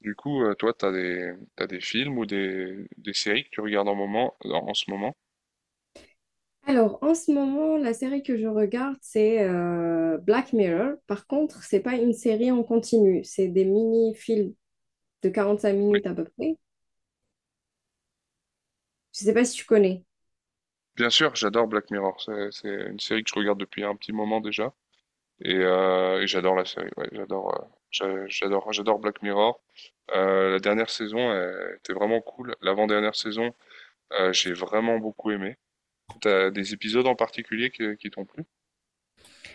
Toi, t'as des films ou des séries que tu regardes en moment, en ce moment? Alors, en ce moment, la série que je regarde, c'est Black Mirror. Par contre, c'est pas une série en continu, c'est des mini-films de 45 Oui. minutes à peu près. Je sais pas si tu connais. Bien sûr, j'adore Black Mirror. C'est une série que je regarde depuis un petit moment déjà. Et j'adore la série. Ouais, j'adore, j'adore Black Mirror. La dernière saison était vraiment cool. L'avant-dernière saison, j'ai vraiment beaucoup aimé. T'as des épisodes en particulier qui t'ont plu?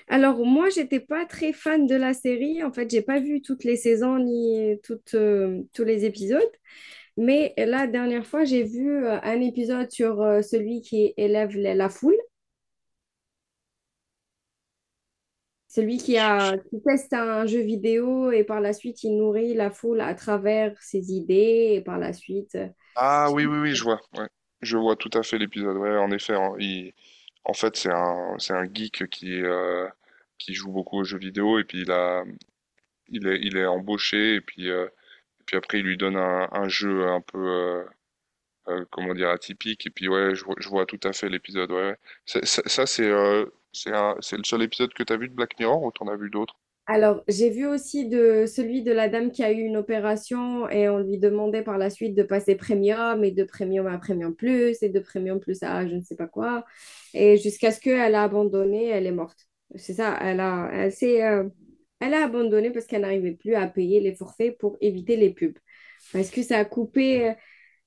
Alors, moi, j'étais pas très fan de la série. En fait, j'ai pas vu toutes les saisons ni toutes, tous les épisodes. Mais la dernière fois, j'ai vu un épisode sur celui qui élève la foule. Celui qui Je- je- a, qui teste un jeu vidéo et par la suite, il nourrit la foule à travers ses idées et par la suite. Ah oui, oui, oui, je vois. Ouais. Je vois tout à fait l'épisode. Ouais, en effet, hein, en fait, c'est un geek qui joue beaucoup aux jeux vidéo et puis il est embauché et puis après il lui donne un jeu un peu, comment dire, atypique et puis ouais, je vois tout à fait l'épisode. Ouais, ouais. Ça, c'est le seul épisode que t'as vu de Black Mirror ou t'en as vu d'autres? Alors, j'ai vu aussi de celui de la dame qui a eu une opération et on lui demandait par la suite de passer premium et de premium à premium plus et de premium plus à je ne sais pas quoi et jusqu'à ce qu'elle a abandonné, elle est morte. C'est ça, elle a abandonné parce qu'elle n'arrivait plus à payer les forfaits pour éviter les pubs. Parce que ça a coupé,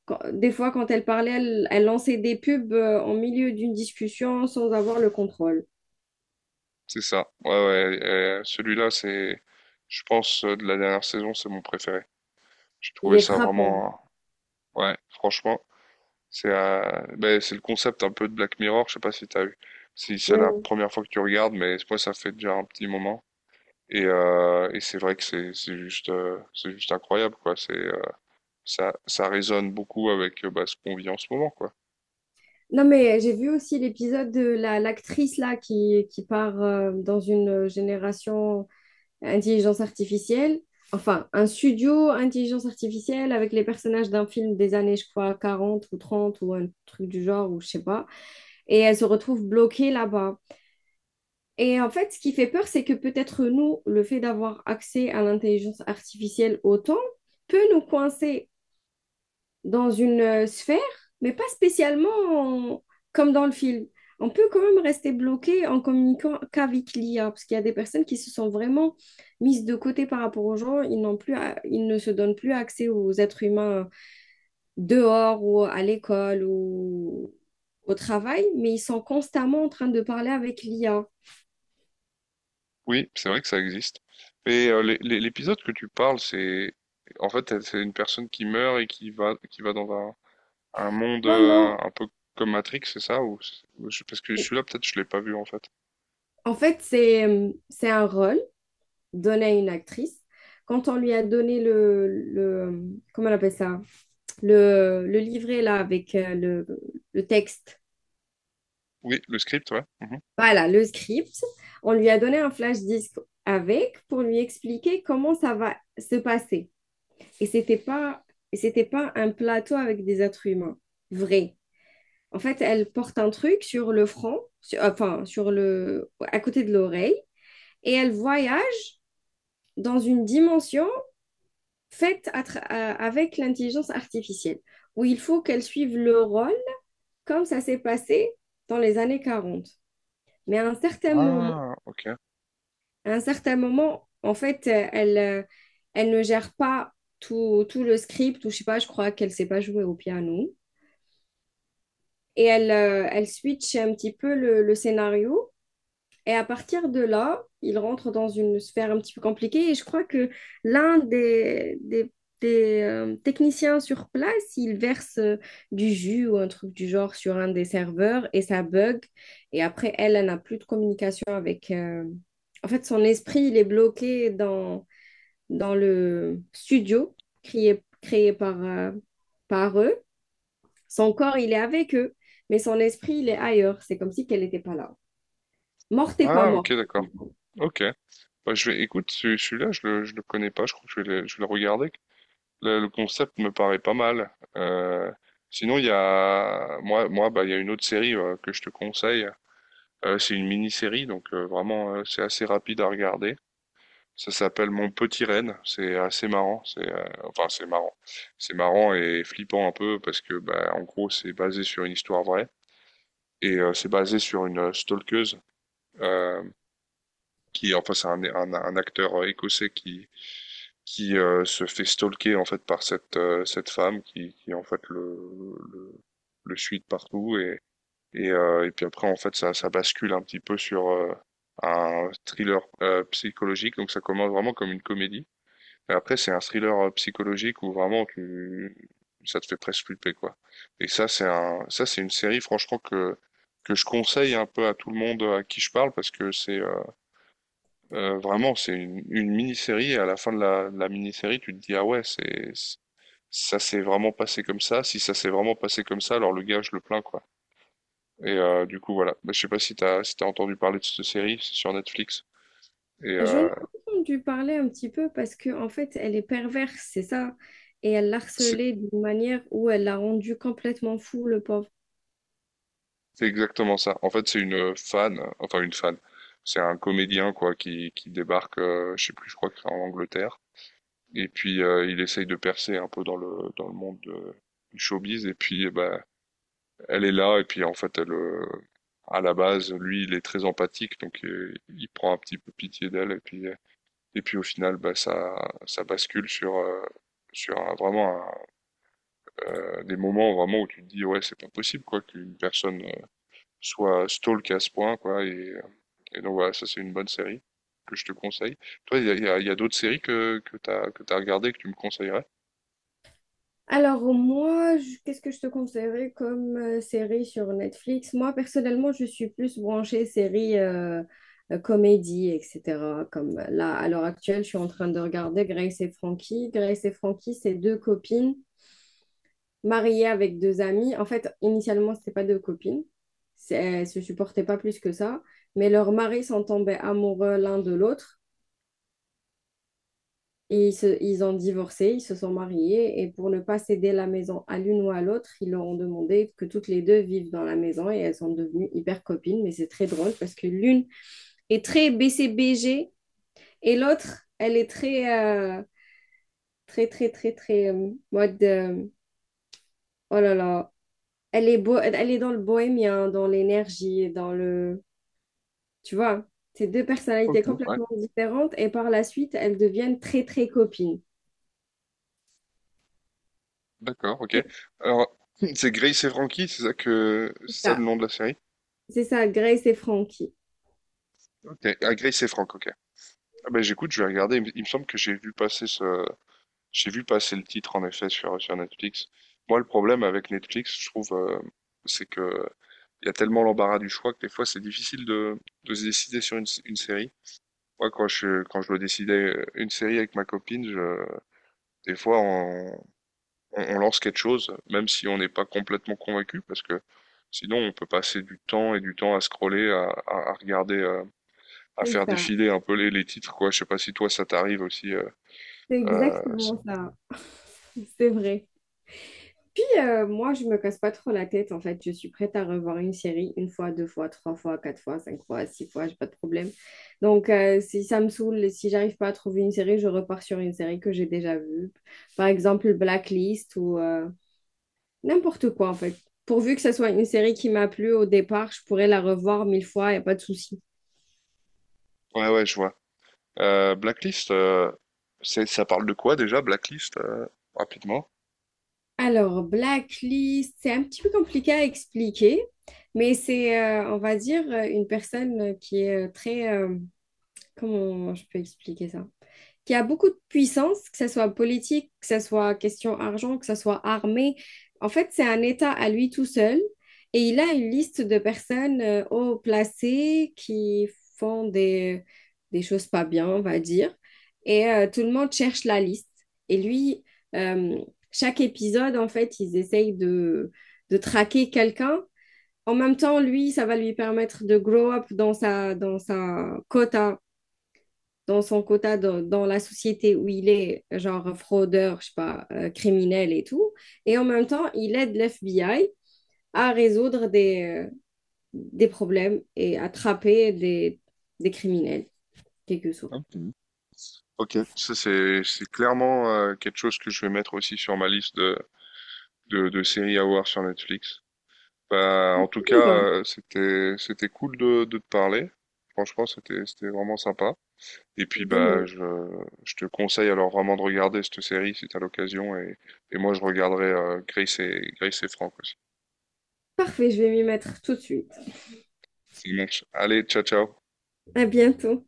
des fois, quand elle parlait, elle lançait des pubs en milieu d'une discussion sans avoir le contrôle. C'est ça. Ouais, ouais. Celui-là, je pense, de la dernière saison, c'est mon préféré. J'ai Il trouvé est ça frappant. vraiment, ouais, franchement, c'est ben, c'est le concept un peu de Black Mirror, je sais pas si t'as vu, si c'est la Ouais. première fois que tu regardes, mais moi ça fait déjà un petit moment. Et c'est vrai que c'est juste incroyable quoi. C'est ça résonne beaucoup avec bah, ce qu'on vit en ce moment quoi. Non, mais j'ai vu aussi l'épisode de l'actrice là qui, qui part dans une génération intelligence artificielle. Enfin, un studio intelligence artificielle avec les personnages d'un film des années, je crois, 40 ou 30 ou un truc du genre, ou je sais pas. Et elle se retrouve bloquée là-bas. Et en fait, ce qui fait peur, c'est que peut-être nous, le fait d'avoir accès à l'intelligence artificielle autant peut nous coincer dans une sphère, mais pas spécialement comme dans le film. On peut quand même rester bloqué en communiquant qu'avec l'IA, parce qu'il y a des personnes qui se sont vraiment mises de côté par rapport aux gens. Ils n'ont plus, ils ne se donnent plus accès aux êtres humains dehors ou à l'école ou au travail, mais ils sont constamment en train de parler avec l'IA. Oui, c'est vrai que ça existe. Et l'épisode que tu parles, c'est en fait c'est une personne qui meurt et qui va dans un monde Non, non. euh, un peu comme Matrix, c'est ça ou je- parce que celui-là peut-être je l'ai pas vu en fait. En fait, c'est un rôle donné à une actrice. Quand on lui a donné le, comment on appelle ça? Le livret là avec le texte, Oui, le script, ouais. Mhm. voilà, le script, on lui a donné un flash disque avec pour lui expliquer comment ça va se passer. Et c'était pas, et c'était pas un plateau avec des êtres humains, vrai. En fait, elle porte un truc sur le front, enfin, à côté de l'oreille, et elle voyage dans une dimension faite avec l'intelligence artificielle, où il faut qu'elle suive le rôle comme ça s'est passé dans les années 40. Mais à un certain moment, Ah, ok. à un certain moment en fait, elle ne gère pas tout le script, ou je sais pas, je crois qu'elle ne sait pas jouer au piano. Et elle switch un petit peu le scénario. Et à partir de là, il rentre dans une sphère un petit peu compliquée. Et je crois que l'un des techniciens sur place, il verse du jus ou un truc du genre sur un des serveurs et ça bug. Et après, elle n'a plus de communication avec. En fait, son esprit, il est bloqué dans le studio créé par, par eux. Son corps, il est avec eux, mais son esprit, il est ailleurs. C'est comme si qu'elle n'était pas là. Morte et pas Ah, ok, morte. d'accord. Ok. Bah, je vais, écoute, celui-là, je le connais pas. Je crois que je vais je vais le regarder. Le concept me paraît pas mal. Euh, sinon, il y a, moi, bah, il y a une autre série que je te conseille. C'est une mini-série, donc vraiment, c'est assez rapide à regarder. Ça s'appelle Mon Petit Renne. C'est assez marrant. C'est, enfin, c'est marrant. C'est marrant et flippant un peu parce que, bah, en gros, c'est basé sur une histoire vraie et c'est basé sur une stalkeuse. Euh, qui enfin c'est un acteur écossais qui se fait stalker en fait par cette femme qui en fait le suit de partout et puis après en fait ça bascule un petit peu sur un thriller psychologique donc ça commence vraiment comme une comédie et après c'est un thriller psychologique où vraiment tu ça te fait presque flipper quoi et ça c'est un ça c'est une série franchement que je conseille un peu à tout le monde à qui je parle parce que c'est vraiment, c'est une mini-série et à la fin de de la mini-série, tu te dis, ah ouais, c'est- ça s'est vraiment passé comme ça. Si ça s'est vraiment passé comme ça, alors le gars, je le plains, quoi. Et du coup, voilà. Bah, je sais pas si t'as, si t'as entendu parler de cette série, c'est sur Netflix. Et J'en ai entendu parler un petit peu parce que en fait, elle est perverse, c'est ça. Et elle c'est l'harcelait d'une manière où elle l'a rendu complètement fou, le pauvre. c'est exactement ça. En fait, c'est une fan, enfin une fan. C'est un comédien, quoi, qui débarque, je sais plus, je crois que c'est en Angleterre. Et puis, il essaye de percer un peu dans dans le monde du showbiz. Et puis, bah elle est là et puis en fait elle à la base lui il est très empathique donc il prend un petit peu pitié d'elle et puis au final bah ça bascule sur sur un- vraiment un, des moments vraiment où tu te dis ouais c'est pas possible quoi qu'une personne soit stalk à ce point quoi et donc voilà ça c'est une bonne série que je te conseille toi il y a d'autres séries que t'as regardé que tu me conseillerais. Alors moi, qu'est-ce que je te conseillerais comme série sur Netflix? Moi, personnellement, je suis plus branchée série comédie, etc. Comme là, à l'heure actuelle, je suis en train de regarder Grace et Frankie. Grace et Frankie, c'est deux copines mariée avec deux amis. En fait, initialement, c'était pas deux copines. Elles se supportaient pas plus que ça. Mais leurs maris sont tombés amoureux l'un de l'autre. Et ils ont divorcé, ils se sont mariés. Et pour ne pas céder la maison à l'une ou à l'autre, ils leur ont demandé que toutes les deux vivent dans la maison. Et elles sont devenues hyper copines. Mais c'est très drôle parce que l'une est très BCBG et l'autre, elle est très, euh, très, très, très, très, mode. Oh là là. Elle est beau, elle est dans le bohémien, dans l'énergie, dans le... Tu vois, c'est deux Ok, personnalités ouais, complètement différentes et par la suite, elles deviennent très, très copines. d'accord, ok, C'est alors c'est Grace et Frankie c'est ça que c'est ça ça. le nom de la série. C'est ça, Grace et Frankie. Ok, ah, Grace et Franck, ok. Ah bah j'écoute, je vais regarder. Il me semble que j'ai vu passer ce, j'ai vu passer le titre en effet sur, sur Netflix. Moi, le problème avec Netflix, je trouve, c'est que il y a tellement l'embarras du choix que des fois c'est difficile de se décider sur une, s- une série. Moi, quand je dois décider une série avec ma copine, je, des fois on, on lance quelque chose, même si on n'est pas complètement convaincu, parce que sinon on peut passer du temps et du temps à scroller, à regarder. À C'est faire ça. défiler un peu les titres, quoi. Je sais pas si toi ça t'arrive aussi. C'est Ça- exactement ça. C'est vrai. Puis moi, je me casse pas trop la tête en fait. Je suis prête à revoir une série une fois, deux fois, trois fois, quatre fois, cinq fois, six fois, j'ai pas de problème. Donc si ça me saoule, si j'arrive pas à trouver une série, je repars sur une série que j'ai déjà vue. Par exemple, Blacklist ou n'importe quoi en fait. Pourvu que ce soit une série qui m'a plu au départ, je pourrais la revoir 1000 fois, il n'y a pas de souci. ouais, ouais, je vois. Blacklist, c'est- ça parle de quoi déjà, Blacklist, rapidement? Alors, Blacklist, c'est un petit peu compliqué à expliquer, mais on va dire, une personne qui est très... Comment je peux expliquer ça? Qui a beaucoup de puissance, que ce soit politique, que ce soit question argent, que ce soit armée. En fait, c'est un État à lui tout seul et il a une liste de personnes haut placées qui font des choses pas bien, on va dire. Et tout le monde cherche la liste. Et lui, euh, chaque épisode, en fait, ils essayent de traquer quelqu'un. En même temps, lui, ça va lui permettre de grow up dans son quota dans la société où il est, genre fraudeur, je sais pas, criminel et tout. Et en même temps, il aide l'FBI à résoudre des problèmes et attraper des criminels, quelque sorte. Hein. Mhm. Ok, ça c'est clairement quelque chose que je vais mettre aussi sur ma liste de de séries à voir sur Netflix. Bah, en tout cas, Sympa. C'était cool de te parler. Franchement, c'était vraiment sympa. Et puis De bah même. Je te conseille alors vraiment de regarder cette série si tu as l'occasion et moi je regarderai Grace et Frank aussi. Parfait, je vais m'y mettre tout de suite. Ça marche. Allez, ciao ciao. À bientôt.